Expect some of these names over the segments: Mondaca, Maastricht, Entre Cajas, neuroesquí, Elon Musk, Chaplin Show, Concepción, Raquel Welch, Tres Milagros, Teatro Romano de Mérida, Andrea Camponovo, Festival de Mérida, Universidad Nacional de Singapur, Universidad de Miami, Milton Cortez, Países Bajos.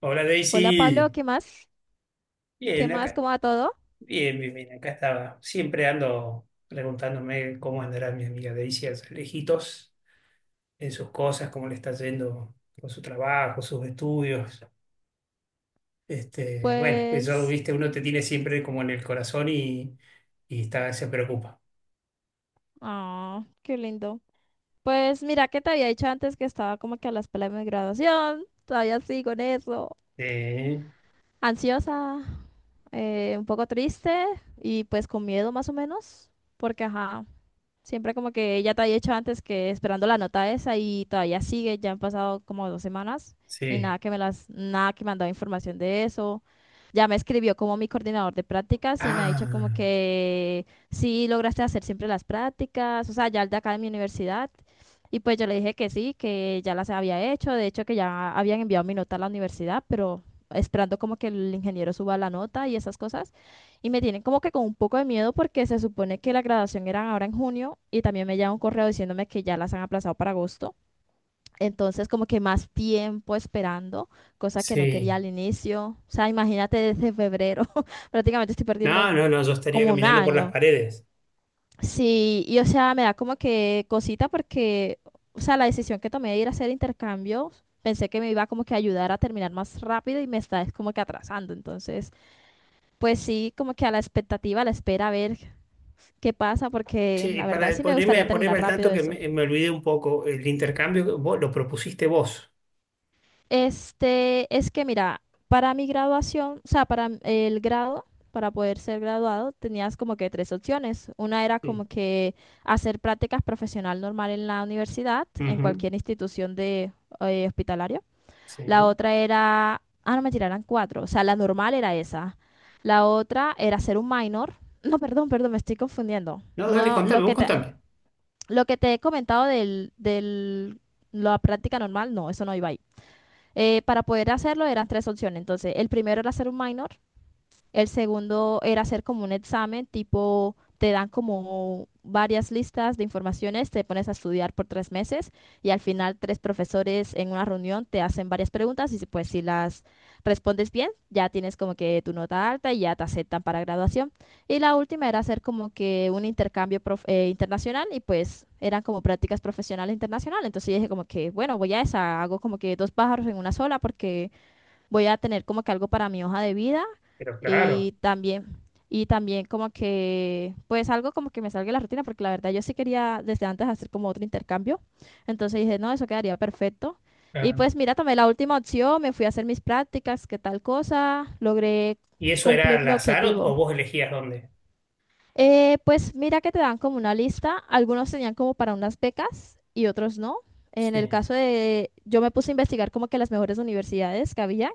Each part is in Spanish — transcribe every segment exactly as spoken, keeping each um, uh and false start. Hola Hola Pablo, Daisy, ¿qué más? ¿Qué bien más? acá, ¿Cómo va todo? bien, bien, bien, acá estaba. Siempre ando preguntándome cómo andará mi amiga Daisy allá lejitos en sus cosas, cómo le está yendo con su trabajo, sus estudios. Este, bueno, eso, Pues, viste, uno te tiene siempre como en el corazón y, y está, se preocupa. ah, qué lindo. Pues mira que te había dicho antes que estaba como que a la espera de mi graduación, todavía sigo en eso. Eh, Ansiosa, eh, un poco triste y pues con miedo más o menos, porque ajá, siempre como que ella te había dicho antes que esperando la nota esa y todavía sigue, ya han pasado como dos semanas y sí. nada que me las, nada que me han dado información de eso. Ya me escribió como mi coordinador de prácticas y me ha dicho Ah, como que sí lograste hacer siempre las prácticas, o sea, ya el de acá de mi universidad. Y pues yo le dije que sí, que ya las había hecho, de hecho que ya habían enviado mi nota a la universidad, pero esperando como que el ingeniero suba la nota y esas cosas. Y me tienen como que con un poco de miedo porque se supone que la graduación era ahora en junio y también me llega un correo diciéndome que ya las han aplazado para agosto. Entonces como que más tiempo esperando, cosa que no quería sí. al inicio. O sea, imagínate desde febrero, prácticamente estoy No, perdiendo no, no, yo estaría como un caminando por las año. paredes. Sí, y o sea, me da como que cosita porque, o sea, la decisión que tomé de ir a hacer intercambios, pensé que me iba como que a ayudar a terminar más rápido y me está es como que atrasando. Entonces, pues sí, como que a la expectativa, a la espera, a ver qué pasa, porque Sí, la verdad para sí me ponerme, gustaría ponerme terminar al rápido tanto que eso. me, me olvidé un poco, el intercambio vos, lo propusiste vos. Este, es que mira, para mi graduación, o sea, para m- el grado, para poder ser graduado, tenías como que tres opciones. Una era Sí. como que hacer prácticas profesional normal en la universidad, en Ujú. cualquier institución de eh, hospitalario. La Sí. otra era, ah, no, me tiraran cuatro, o sea, la normal era esa. La otra era ser un minor. No, perdón, perdón, me estoy confundiendo. No, dale, No, lo contame, vos que te, contame. Lo que te he comentado del, del- la práctica normal, no, eso no iba ahí. Eh, para poder hacerlo eran tres opciones. Entonces, el primero era hacer un minor, el segundo era hacer como un examen, tipo, te dan como varias listas de informaciones, te pones a estudiar por tres meses y al final tres profesores en una reunión te hacen varias preguntas y si, pues si las respondes bien, ya tienes como que tu nota alta y ya te aceptan para graduación. Y la última era hacer como que un intercambio prof- eh, internacional y pues eran como prácticas profesionales internacionales. Entonces yo dije como que, bueno, voy a esa, hago como que dos pájaros en una sola porque voy a tener como que algo para mi hoja de vida Pero claro, y también, y también como que, pues algo como que me salga de la rutina, porque la verdad yo sí quería desde antes hacer como otro intercambio. Entonces dije, no, eso quedaría perfecto. Y claro. pues mira, tomé la última opción, me fui a hacer mis prácticas, qué tal cosa, logré ¿Y eso era cumplir al mi azar o, objetivo. o vos elegías dónde? Eh, pues mira que te dan como una lista, algunos tenían como para unas becas y otros no. En el Sí. caso de, yo me puse a investigar como que las mejores universidades que había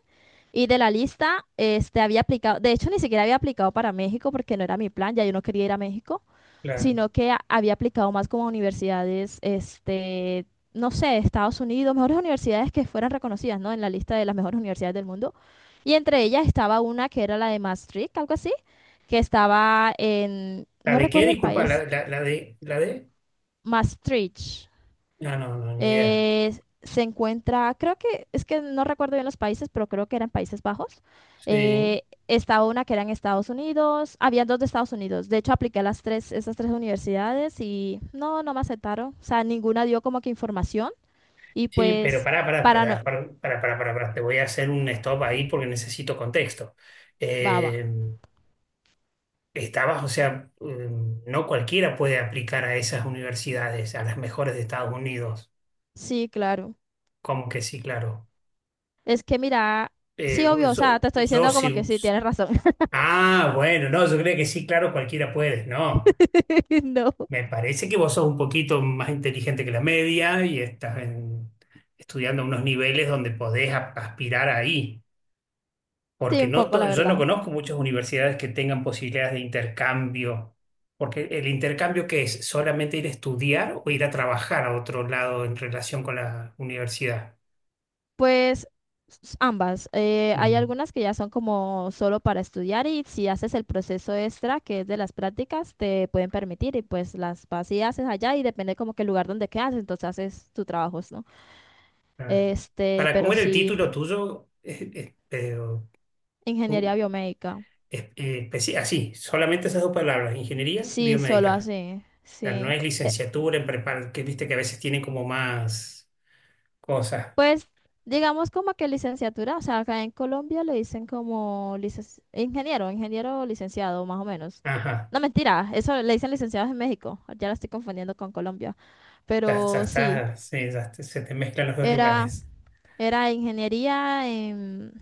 y de la lista, este, había aplicado, de hecho, ni siquiera había aplicado para México porque no era mi plan, ya yo no quería ir a México, Claro. sino que a- había aplicado más como a universidades, este, no sé, de Estados Unidos, mejores universidades que fueran reconocidas, ¿no? En la lista de las mejores universidades del mundo. Y entre ellas estaba una que era la de Maastricht, algo así, que estaba en, ¿La no de qué? recuerdo el Disculpa, la, país, la, la de, la de. Maastricht. No, no, no, ni idea. Eh, se encuentra, creo que, es que no recuerdo bien los países, pero creo que eran Países Bajos. Sí. Eh, estaba una que era en Estados Unidos, había dos de Estados Unidos. De hecho, apliqué a las tres, esas tres universidades y no, no me aceptaron. O sea, ninguna dio como que información y Sí, pero pues pará, pará, para no, pará, pará, pará, pará, pará, pará. Te voy a hacer un stop ahí porque necesito contexto. baba. Eh, Estabas, o sea, eh, no cualquiera puede aplicar a esas universidades, a las mejores de Estados Unidos. Sí, claro. Como que sí, claro. Es que mira, Eh, sí, obvio, o sea, Yo, te estoy yo diciendo como que sí. sí, tienes razón. Ah, bueno, no, yo creo que sí, claro, cualquiera puede, no. No, Me parece que vos sos un poquito más inteligente que la media y estás en- estudiando a unos niveles donde podés a- aspirar ahí, sí, porque un no poco, to- la yo no verdad. conozco muchas universidades que tengan posibilidades de intercambio, porque el intercambio que es solamente ir a estudiar o ir a trabajar a otro lado en relación con la universidad. Pues s- ambas. Eh, hay Mm, algunas que ya son como solo para estudiar y si haces el proceso extra, que es de las prácticas, te pueden permitir y pues las vas y haces allá y depende como que el lugar donde quedas, entonces haces tus trabajos, ¿no? claro. Este, Para, pero ¿cómo era el sí, título tuyo? Eh, eh, pero, ingeniería biomédica. es- eh, especi- así, solamente esas dos palabras, ingeniería Sí, solo biomédica. así, O sea, no sí. es E- licenciatura en prepar, que viste que a veces tiene como más cosas. Pues digamos como que licenciatura, o sea, acá en Colombia le dicen como licenci- ingeniero, ingeniero o licenciado, más o menos. Ajá, No, mentira, eso le dicen licenciados en México, ya la estoy confundiendo con Colombia, ya, ya pero sí, está, sí, ya te- se te mezclan los dos era, lugares. era ingeniería en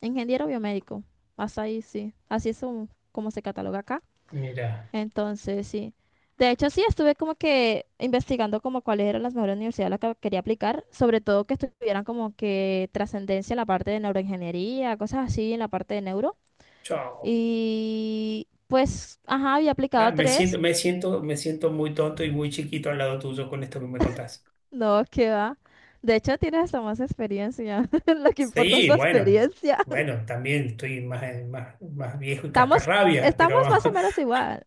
ingeniero biomédico, hasta ahí sí, así es un- como se cataloga acá. Mira, Entonces, sí. De hecho, sí, estuve como que investigando como cuáles eran las mejores universidades a las que quería aplicar, sobre todo que estuvieran como que trascendencia en la parte de neuroingeniería, cosas así, en la parte de neuro. chao. Y pues, ajá, había aplicado Ah, a me siento, tres, me siento, me siento muy tonto y muy chiquito al lado tuyo con esto que me contás. no, qué va. De hecho, tienes hasta más experiencia. Lo que importa es Sí, la bueno, experiencia. bueno, también estoy más, más, más viejo y Estamos, cascarrabias, estamos pero más o menos igual.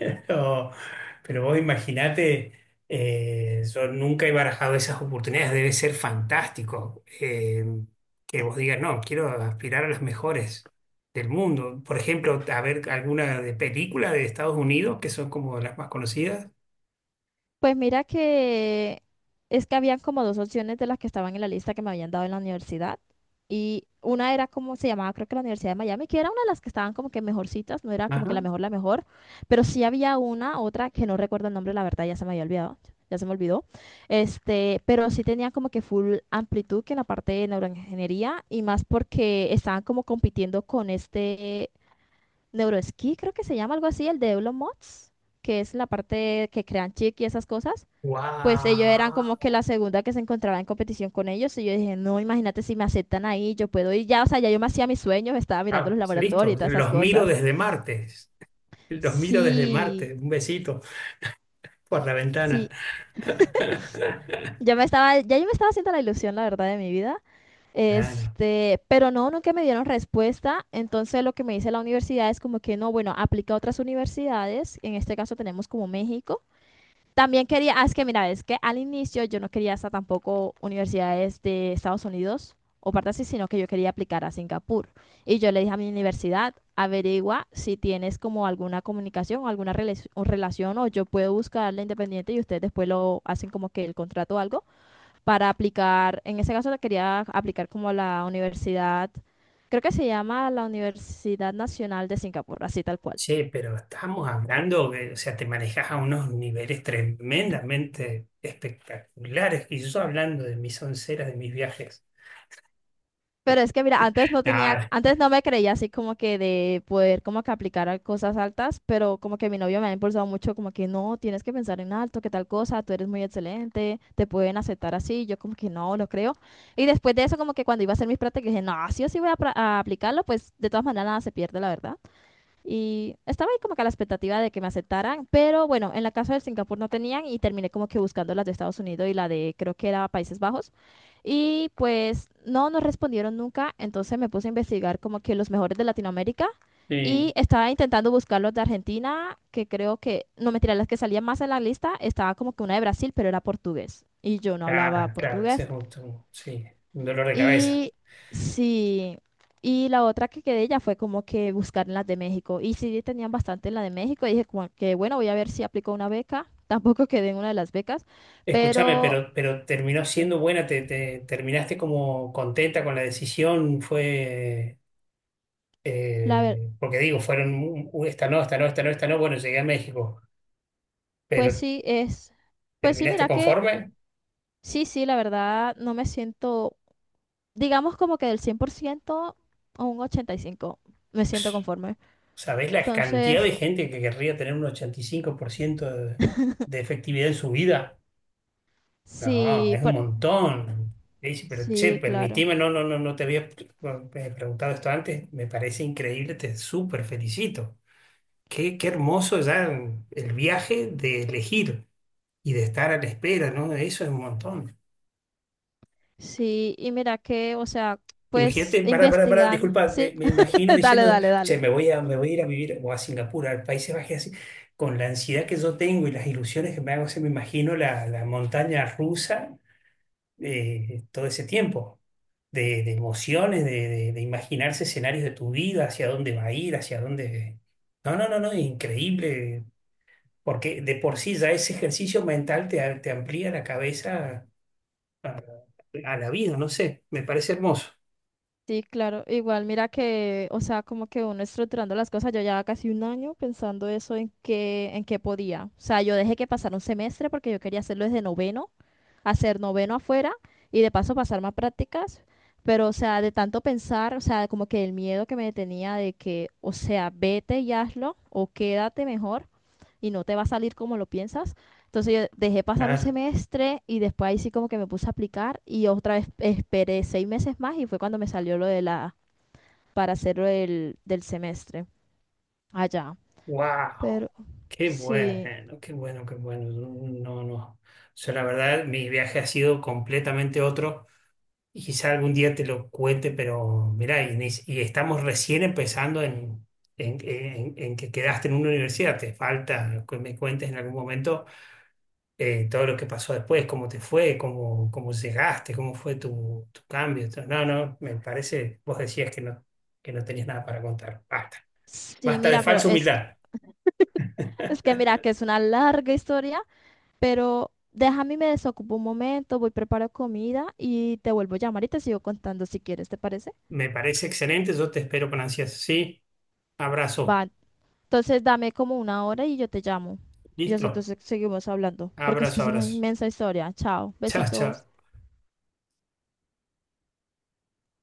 Pero, pero vos imaginate, eh, yo nunca he barajado esas oportunidades, debe ser fantástico eh, que vos digas, no, quiero aspirar a las mejores del mundo. Por ejemplo, a ver alguna de película de Estados Unidos, que son como las más conocidas. Pues mira que es que habían como dos opciones de las que estaban en la lista que me habían dado en la universidad. Y una era como se llamaba, creo que la Universidad de Miami, que era una de las que estaban como que mejorcitas, no era como que Ajá. la mejor, la mejor, pero sí había una, otra que no recuerdo el nombre, la verdad ya se me había olvidado, ya se me olvidó. Este, pero sí tenía como que full amplitud que en la parte de neuroingeniería y más porque estaban como compitiendo con este neuroesquí, creo que se llama algo así, el de Elon Musk, que es la parte que crean chip y esas cosas pues ellos eran como ¡Wow! que la segunda que se encontraba en competición con ellos. Y yo dije, no, imagínate si me aceptan ahí, yo puedo ir ya, o sea, ya yo me hacía mis sueños, estaba mirando los Ah, laboratorios listo, y todas esas los miro cosas. desde martes. Los miro desde Sí, martes. Un besito por la ventana. sí, ya me estaba, ya yo me estaba haciendo la ilusión, la verdad, de mi vida. Claro. Este, pero no, nunca me dieron respuesta. Entonces lo que me dice la universidad es como que no, bueno, aplica a otras universidades. En este caso tenemos como México. También quería, ah, es que mira, es que al inicio yo no quería hasta tampoco universidades de Estados Unidos o parte así, sino que yo quería aplicar a Singapur. Y yo le dije a mi universidad, averigua si tienes como alguna comunicación o alguna rela- o relación o yo puedo buscarla independiente y ustedes después lo hacen como que el contrato o algo para aplicar. En ese caso le quería aplicar como a la universidad, creo que se llama la Universidad Nacional de Singapur, así tal cual. Che, pero estamos hablando que, o sea, te manejas a unos niveles tremendamente espectaculares y yo hablando de mis onceras, de mis viajes. Pero es que mira, antes no tenía, Nada, antes no me creía así como que de poder como que aplicar a cosas altas, pero como que mi novio me ha impulsado mucho como que no, tienes que pensar en alto, que tal cosa, tú eres muy excelente, te pueden aceptar así, yo como que no, lo creo. Y después de eso como que cuando iba a hacer mis prácticas dije, no, sí o sí voy a, pra- a aplicarlo, pues de todas maneras nada se pierde, la verdad. Y estaba ahí como que a la expectativa de que me aceptaran, pero bueno, en la casa de Singapur no tenían y terminé como que buscando las de Estados Unidos y la de creo que era Países Bajos. Y pues no nos respondieron nunca, entonces me puse a investigar como que los mejores de Latinoamérica y sí, estaba intentando buscar los de Argentina, que creo que, no mentira, las que salían más en la lista, estaba como que una de Brasil, pero era portugués y yo no hablaba ah, claro, ese portugués. es un, un- sí, un dolor de cabeza. Y sí, y la otra que quedé ya fue como que buscar en las de México. Y sí tenían bastante en la de México. Y dije como que bueno, voy a ver si aplico una beca. Tampoco quedé en una de las becas. Escúchame, Pero pero, pero terminó siendo buena, te, te- terminaste como contenta con la decisión, fue, la ver, eh, porque digo, fueron, "Uh, esta no, esta no, esta no, esta no, bueno, llegué a México, pues pero sí es, pues sí, ¿terminaste mira que conforme? sí, sí, la verdad no me siento, digamos como que del cien por ciento a un ochenta y cinco me siento conforme. ¿Sabés la cantidad de Entonces, gente que querría tener un ochenta y cinco por ciento de, de efectividad en su vida? No, sí, es un por, montón. Le dice, pero che, sí, claro. permitime, no, no, no, no te había bueno, eh, preguntado esto antes. Me parece increíble, te súper felicito. Qué, qué hermoso ya el viaje de elegir y de estar a la espera, ¿no? Eso es un montón. Sí, y mira que, o sea, Imagínate, pues pará, pará, pará, investigando, disculpa, me, sí, me imagino Dale, diciendo, dale, dale. che, me voy a, me voy a ir a vivir o a Singapur, al Países Bajos, así, con la ansiedad que yo tengo y las ilusiones que me hago, se me imagino la, la montaña rusa eh, todo ese tiempo, de, de emociones, de, de- de imaginarse escenarios de tu vida, hacia dónde va a ir, hacia dónde... No, no, no, no, increíble, porque de por sí ya ese ejercicio mental te, te amplía la cabeza a la vida, no sé, me parece hermoso. Sí, claro, igual mira que, o sea, como que uno estructurando las cosas, yo ya casi un año pensando eso en qué, en qué podía. O sea, yo dejé que pasara un semestre porque yo quería hacerlo desde noveno, hacer noveno afuera y de paso pasar más prácticas, pero o sea, de tanto pensar, o sea, como que el miedo que me detenía de que, o sea, vete y hazlo o quédate mejor, y no te va a salir como lo piensas. Entonces yo dejé pasar un semestre y después ahí sí como que me puse a aplicar y otra vez esperé seis meses más y fue cuando me salió lo de la, para hacerlo del, del semestre allá. Wow, Pero qué sí, bueno, qué bueno, qué bueno. No, no. O sea, la verdad, mi viaje ha sido completamente otro y quizá algún día te lo cuente, pero mirá, y, ni- y estamos recién empezando en, en, en- en que quedaste en una universidad. Te falta que me cuentes en algún momento eh, todo lo que pasó después, cómo te fue, cómo, cómo llegaste, cómo fue tu, tu cambio. Entonces, no, no, me parece, vos decías que no, que no tenías nada para contar. Basta, sí, basta de mira, pero falsa es que, humildad. es que mira que es una larga historia, pero déjame y me desocupo un momento, voy preparo comida y te vuelvo a llamar y te sigo contando si quieres, ¿te parece? Me parece excelente, yo te espero con ansias. Sí, abrazo. Va, entonces dame como una hora y yo te llamo. Y así Listo. entonces seguimos hablando, porque es que Abrazo, es una abrazo. inmensa historia. Chao, Chao, chao. besitos.